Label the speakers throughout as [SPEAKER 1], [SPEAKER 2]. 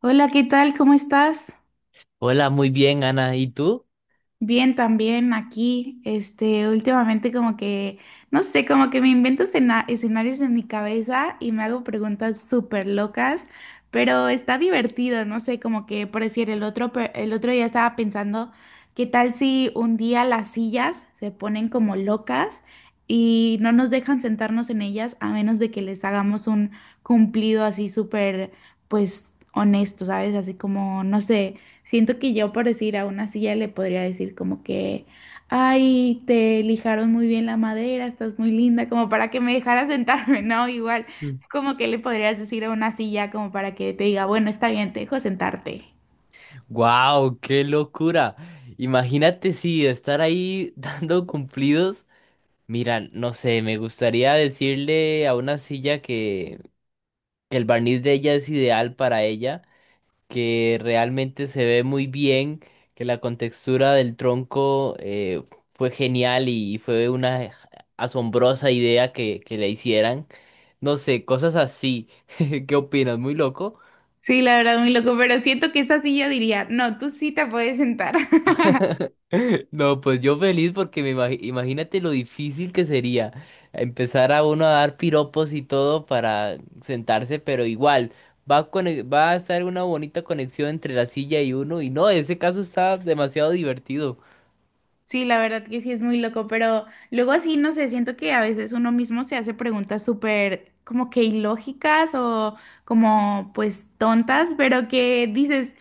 [SPEAKER 1] Hola, ¿qué tal? ¿Cómo estás?
[SPEAKER 2] Hola, muy bien, Ana. ¿Y tú?
[SPEAKER 1] Bien, también aquí. Este, últimamente como que, no sé, como que me invento escenarios en mi cabeza y me hago preguntas súper locas, pero está divertido, no sé, como que por decir, el otro día estaba pensando, ¿qué tal si un día las sillas se ponen como locas y no nos dejan sentarnos en ellas a menos de que les hagamos un cumplido así súper, pues, honesto, ¿sabes? Así como, no sé. Siento que yo por decir a una silla le podría decir como que, ay, te lijaron muy bien la madera, estás muy linda, como para que me dejara sentarme, ¿no? Igual,
[SPEAKER 2] Mm.
[SPEAKER 1] como que le podrías decir a una silla como para que te diga, bueno, está bien, te dejo sentarte.
[SPEAKER 2] ¡Wow! ¡Qué locura! Imagínate si estar ahí dando cumplidos. Mira, no sé, me gustaría decirle a una silla que el barniz de ella es ideal para ella, que realmente se ve muy bien, que la contextura del tronco fue genial y fue una asombrosa idea que le hicieran. No sé, cosas así. ¿Qué opinas? ¿Muy loco?
[SPEAKER 1] Sí, la verdad, muy loco, pero siento que esa silla diría, no, tú sí te puedes sentar.
[SPEAKER 2] No, pues yo feliz porque imagínate lo difícil que sería empezar a uno a dar piropos y todo para sentarse, pero igual va a estar una bonita conexión entre la silla y uno y no, ese caso está demasiado divertido.
[SPEAKER 1] Sí, la verdad que sí es muy loco, pero luego así, no sé, siento que a veces uno mismo se hace preguntas súper como que ilógicas o como pues tontas, pero que dices...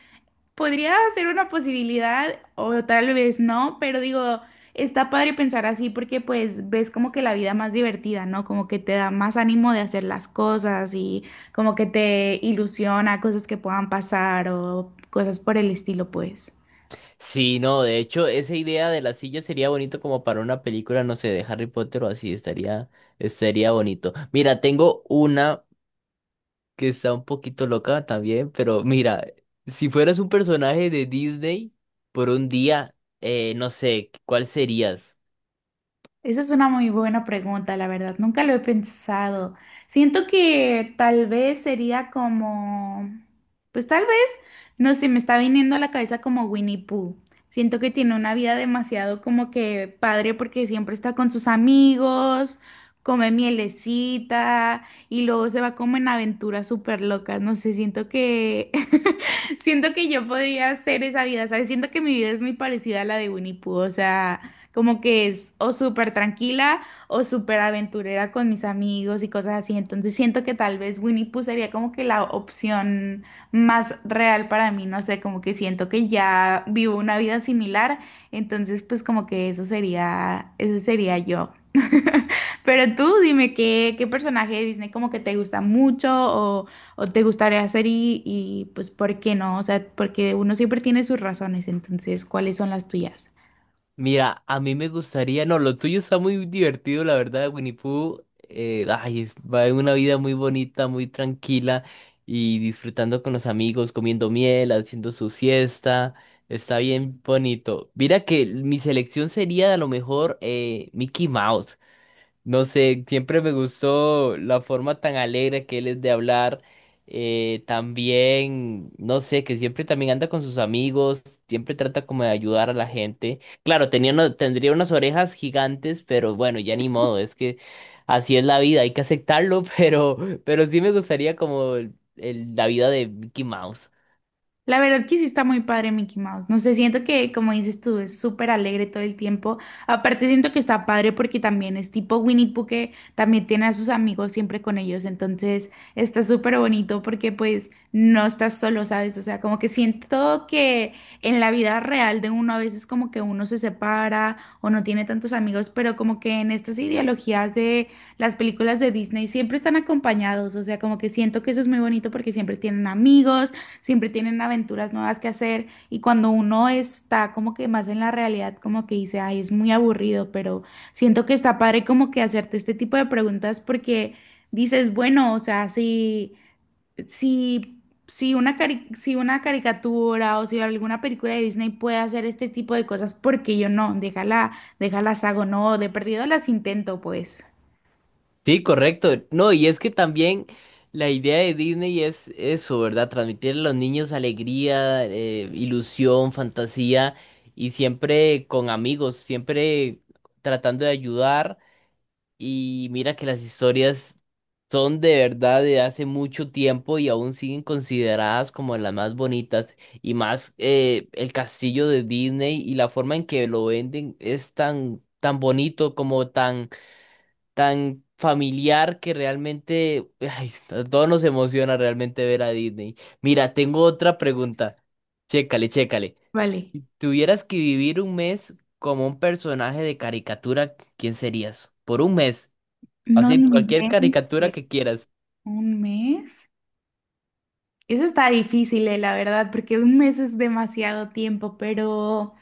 [SPEAKER 1] Podría ser una posibilidad o tal vez no, pero digo, está padre pensar así porque pues ves como que la vida más divertida, ¿no? Como que te da más ánimo de hacer las cosas y como que te ilusiona cosas que puedan pasar o cosas por el estilo, pues.
[SPEAKER 2] Sí, no, de hecho esa idea de la silla sería bonito como para una película, no sé, de Harry Potter o así, estaría, estaría bonito. Mira, tengo una que está un poquito loca también, pero mira, si fueras un personaje de Disney por un día, no sé, ¿cuál serías?
[SPEAKER 1] Esa es una muy buena pregunta, la verdad. Nunca lo he pensado. Siento que tal vez sería como, pues tal vez, no sé, me está viniendo a la cabeza como Winnie Pooh. Siento que tiene una vida demasiado como que padre porque siempre está con sus amigos, come mielecita y luego se va como en aventuras súper locas. No sé, siento que, siento que yo podría hacer esa vida, ¿sabes? Siento que mi vida es muy parecida a la de Winnie Pooh, o sea como que es o súper tranquila o súper aventurera con mis amigos y cosas así. Entonces siento que tal vez Winnie Pooh sería como que la opción más real para mí, no sé, como que siento que ya vivo una vida similar, entonces pues como que eso sería yo. Pero tú dime qué personaje de Disney como que te gusta mucho o te gustaría hacer y pues por qué no, o sea, porque uno siempre tiene sus razones, entonces, ¿cuáles son las tuyas?
[SPEAKER 2] Mira, a mí me gustaría, no, lo tuyo está muy divertido, la verdad, Winnie Pooh, ay, va en una vida muy bonita, muy tranquila y disfrutando con los amigos, comiendo miel, haciendo su siesta, está bien bonito. Mira que mi selección sería a lo mejor Mickey Mouse. No sé, siempre me gustó la forma tan alegre que él es de hablar. También, no sé, que siempre también anda con sus amigos, siempre trata como de ayudar a la gente. Claro, tendría unas orejas gigantes, pero bueno, ya ni modo, es que así es la vida, hay que aceptarlo, pero, pero sí me gustaría como la vida de Mickey Mouse.
[SPEAKER 1] La verdad que sí está muy padre Mickey Mouse. No sé, siento que, como dices tú, es súper alegre todo el tiempo. Aparte, siento que está padre porque también es tipo Winnie Pooh que también tiene a sus amigos siempre con ellos. Entonces, está súper bonito porque pues no estás solo, ¿sabes? O sea, como que siento que en la vida real de uno a veces como que uno se separa o no tiene tantos amigos, pero como que en estas ideologías de las películas de Disney siempre están acompañados. O sea, como que siento que eso es muy bonito porque siempre tienen amigos siempre tienen aventuras nuevas que hacer y cuando uno está como que más en la realidad, como que dice, ay, es muy aburrido, pero siento que está padre como que hacerte este tipo de preguntas porque dices, bueno, o sea, si una caricatura o si alguna película de Disney puede hacer este tipo de cosas, ¿porque yo no? Déjalas hago, no, de perdido las intento, pues.
[SPEAKER 2] Sí, correcto. No, y es que también la idea de Disney es eso, ¿verdad? Transmitir a los niños alegría, ilusión, fantasía y siempre con amigos, siempre tratando de ayudar. Y mira que las historias son de verdad de hace mucho tiempo y aún siguen consideradas como las más bonitas. Y más el castillo de Disney y la forma en que lo venden es tan bonito como tan familiar que realmente, ay, a todos nos emociona realmente ver a Disney. Mira, tengo otra pregunta. Chécale, chécale.
[SPEAKER 1] Vale.
[SPEAKER 2] Si tuvieras que vivir un mes como un personaje de caricatura, ¿quién serías? Por un mes.
[SPEAKER 1] No
[SPEAKER 2] Así, cualquier
[SPEAKER 1] inventes
[SPEAKER 2] caricatura que quieras.
[SPEAKER 1] un mes. Eso está difícil, la verdad, porque un mes es demasiado tiempo, pero,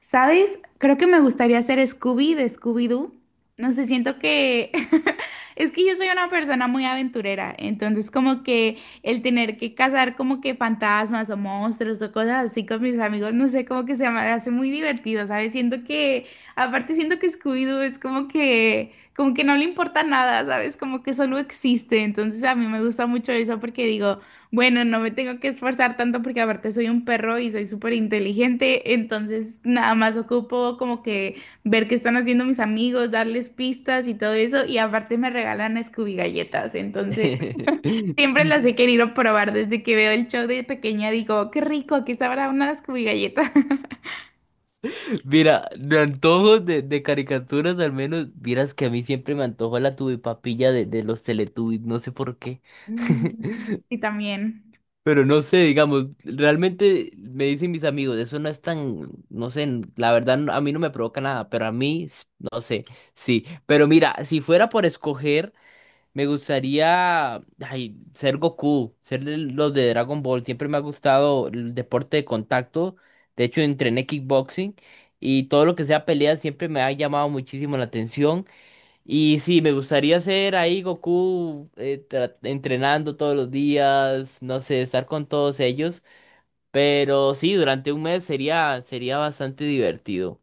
[SPEAKER 1] ¿sabes? Creo que me gustaría ser Scooby de Scooby-Doo. No sé, siento que... Es que yo soy una persona muy aventurera, entonces como que el tener que cazar como que fantasmas o monstruos o cosas así con mis amigos, no sé, como que se me hace muy divertido, ¿sabes? Siento que, aparte siento que Scooby-Doo es como que no le importa nada, ¿sabes? Como que solo existe, entonces a mí me gusta mucho eso porque digo... Bueno, no me tengo que esforzar tanto porque aparte soy un perro y soy súper inteligente, entonces nada más ocupo como que ver qué están haciendo mis amigos, darles pistas y todo eso, y aparte me regalan Scooby galletas, entonces siempre las he querido probar desde que veo el show de pequeña, digo, qué rico, aquí sabrá una Scooby galleta.
[SPEAKER 2] Mira, de antojos de caricaturas al menos, vieras que a mí siempre me antojó la tubipapilla de los Teletubbies, no sé por qué.
[SPEAKER 1] Mm, y también.
[SPEAKER 2] Pero no sé, digamos, realmente me dicen mis amigos, eso no es tan, no sé, la verdad a mí no me provoca nada, pero a mí, no sé, sí. Pero mira, si fuera por escoger, me gustaría, ay, ser Goku, ser de los de Dragon Ball, siempre me ha gustado el deporte de contacto, de hecho entrené kickboxing y todo lo que sea peleas siempre me ha llamado muchísimo la atención. Y sí, me gustaría ser ahí Goku entrenando todos los días, no sé, estar con todos ellos, pero sí, durante un mes sería sería bastante divertido.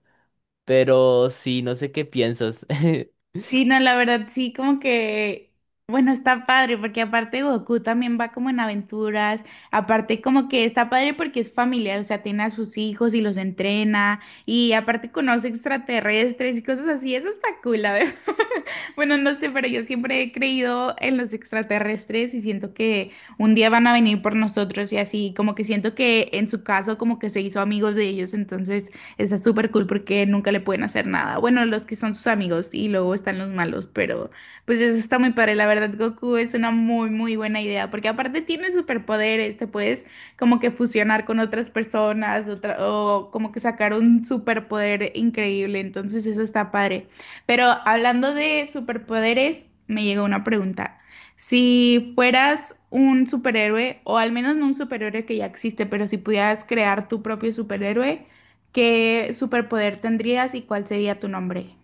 [SPEAKER 2] Pero sí, no sé qué piensas.
[SPEAKER 1] Sí, no, la verdad, sí, como que, bueno, está padre, porque aparte Goku también va como en aventuras, aparte como que está padre porque es familiar, o sea, tiene a sus hijos y los entrena, y aparte conoce extraterrestres y cosas así, eso está cool, la verdad. Bueno, no sé, pero yo siempre he creído en los extraterrestres y siento que un día van a venir por nosotros y así, como que siento que en su caso como que se hizo amigos de ellos, entonces... Está súper cool porque nunca le pueden hacer nada. Bueno, los que son sus amigos y luego están los malos, pero pues eso está muy padre. La verdad, Goku es una muy, muy buena idea porque aparte tiene superpoderes, te puedes como que fusionar con otras personas o como que sacar un superpoder increíble. Entonces eso está padre. Pero hablando de superpoderes, me llegó una pregunta. Si fueras un superhéroe, o al menos no un superhéroe que ya existe, pero si pudieras crear tu propio superhéroe, ¿qué superpoder tendrías y cuál sería tu nombre?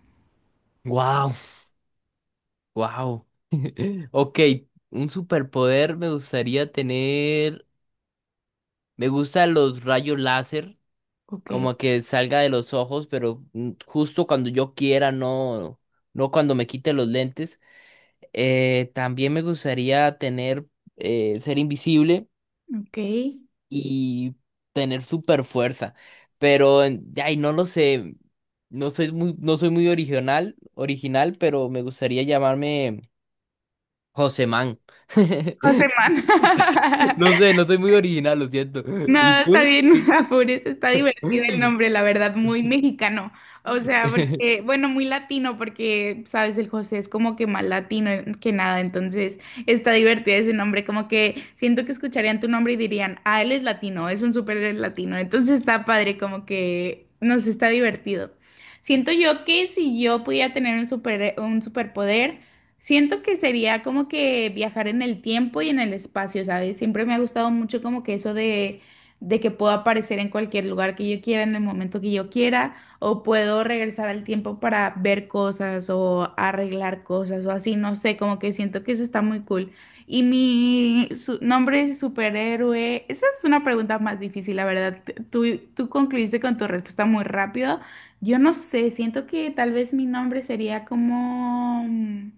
[SPEAKER 2] ¡Wow, wow! Ok, un superpoder me gustaría tener. Me gustan los rayos láser,
[SPEAKER 1] Ok.
[SPEAKER 2] como que salga de los ojos, pero mm, justo cuando yo quiera, no, no cuando me quite los lentes. También me gustaría tener, ser invisible
[SPEAKER 1] Ok.
[SPEAKER 2] y tener super fuerza, pero ay, no lo sé, no soy muy original, original, pero me gustaría llamarme José Man.
[SPEAKER 1] José
[SPEAKER 2] No sé, no soy muy original, lo siento.
[SPEAKER 1] No,
[SPEAKER 2] ¿Y
[SPEAKER 1] está
[SPEAKER 2] tú?
[SPEAKER 1] bien, no te
[SPEAKER 2] ¿Qué?
[SPEAKER 1] apures, está divertido el nombre, la verdad, muy mexicano. O sea, porque, bueno, muy latino, porque, sabes, el José es como que más latino que nada, entonces está divertido ese nombre, como que siento que escucharían tu nombre y dirían, ah, él es latino, es un súper latino, entonces está padre, como que, no sé, está divertido. Siento yo que si yo pudiera tener un super, un superpoder, siento que sería como que viajar en el tiempo y en el espacio, ¿sabes? Siempre me ha gustado mucho como que eso de que puedo aparecer en cualquier lugar que yo quiera, en el momento que yo quiera, o puedo regresar al tiempo para ver cosas o arreglar cosas o así, no sé, como que siento que eso está muy cool. Y mi nombre es superhéroe, esa es una pregunta más difícil, la verdad. Tú concluiste con tu respuesta muy rápido. Yo no sé, siento que tal vez mi nombre sería como,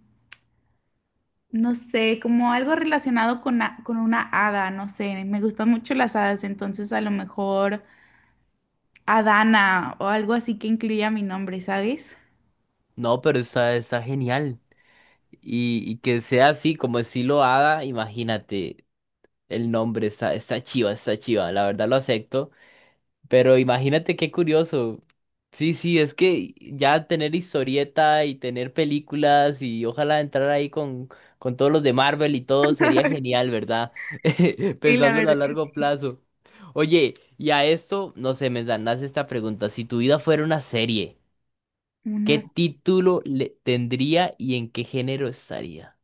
[SPEAKER 1] no sé, como algo relacionado con, con una hada, no sé, me gustan mucho las hadas, entonces a lo mejor... Adana o algo así que incluya mi nombre, ¿sabes?
[SPEAKER 2] No, pero está, está genial. Y que sea así, como estilo Hada, imagínate el nombre, está, está chiva, la verdad lo acepto. Pero imagínate qué curioso. Sí, sí, es que ya tener historieta y tener películas y ojalá entrar ahí con todos los de Marvel y todo sería genial, ¿verdad?
[SPEAKER 1] Sí, la
[SPEAKER 2] Pensándolo a
[SPEAKER 1] verdad que
[SPEAKER 2] largo
[SPEAKER 1] sí.
[SPEAKER 2] plazo. Oye, y a esto, no sé, esta pregunta. Si tu vida fuera una serie, ¿qué
[SPEAKER 1] Una...
[SPEAKER 2] título le tendría y en qué género estaría?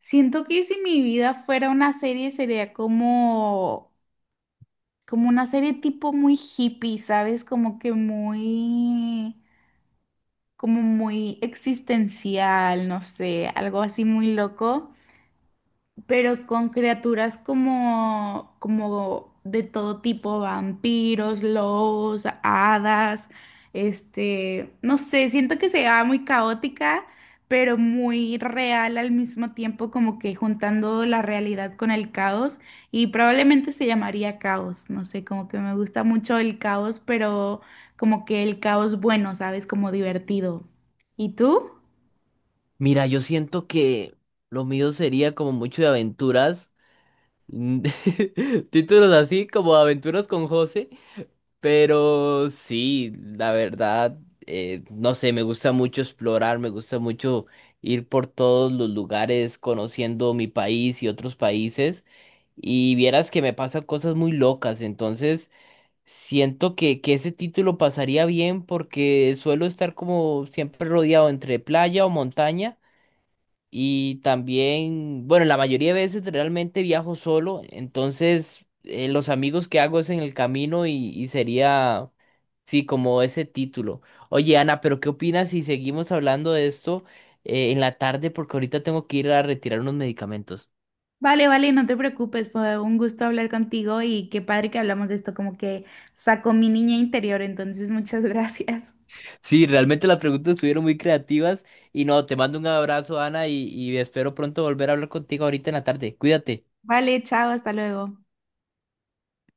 [SPEAKER 1] Siento que si mi vida fuera una serie sería como, como una serie tipo muy hippie, ¿sabes? Como que muy, como muy existencial, no sé, algo así muy loco, pero con criaturas como, como de todo tipo, vampiros, lobos, hadas, este, no sé, siento que se va muy caótica, pero muy real al mismo tiempo, como que juntando la realidad con el caos, y probablemente se llamaría caos, no sé, como que me gusta mucho el caos, pero como que el caos bueno, ¿sabes? Como divertido. ¿Y tú?
[SPEAKER 2] Mira, yo siento que lo mío sería como mucho de aventuras. Títulos así como Aventuras con José. Pero sí, la verdad, no sé, me gusta mucho explorar, me gusta mucho ir por todos los lugares conociendo mi país y otros países. Y vieras que me pasan cosas muy locas, entonces siento que ese título pasaría bien porque suelo estar como siempre rodeado entre playa o montaña. Y también, bueno, la mayoría de veces realmente viajo solo, entonces los amigos que hago es en el camino y sería... Sí, como ese título. Oye, Ana, pero ¿qué opinas si seguimos hablando de esto en la tarde? Porque ahorita tengo que ir a retirar unos medicamentos.
[SPEAKER 1] Vale, vale, no te preocupes, fue un gusto hablar contigo y qué padre que hablamos de esto, como que sacó mi niña interior, entonces muchas gracias.
[SPEAKER 2] Sí, realmente las preguntas estuvieron muy creativas y no, te mando un abrazo, Ana, y espero pronto volver a hablar contigo ahorita en la tarde. Cuídate.
[SPEAKER 1] Vale, chao, hasta luego.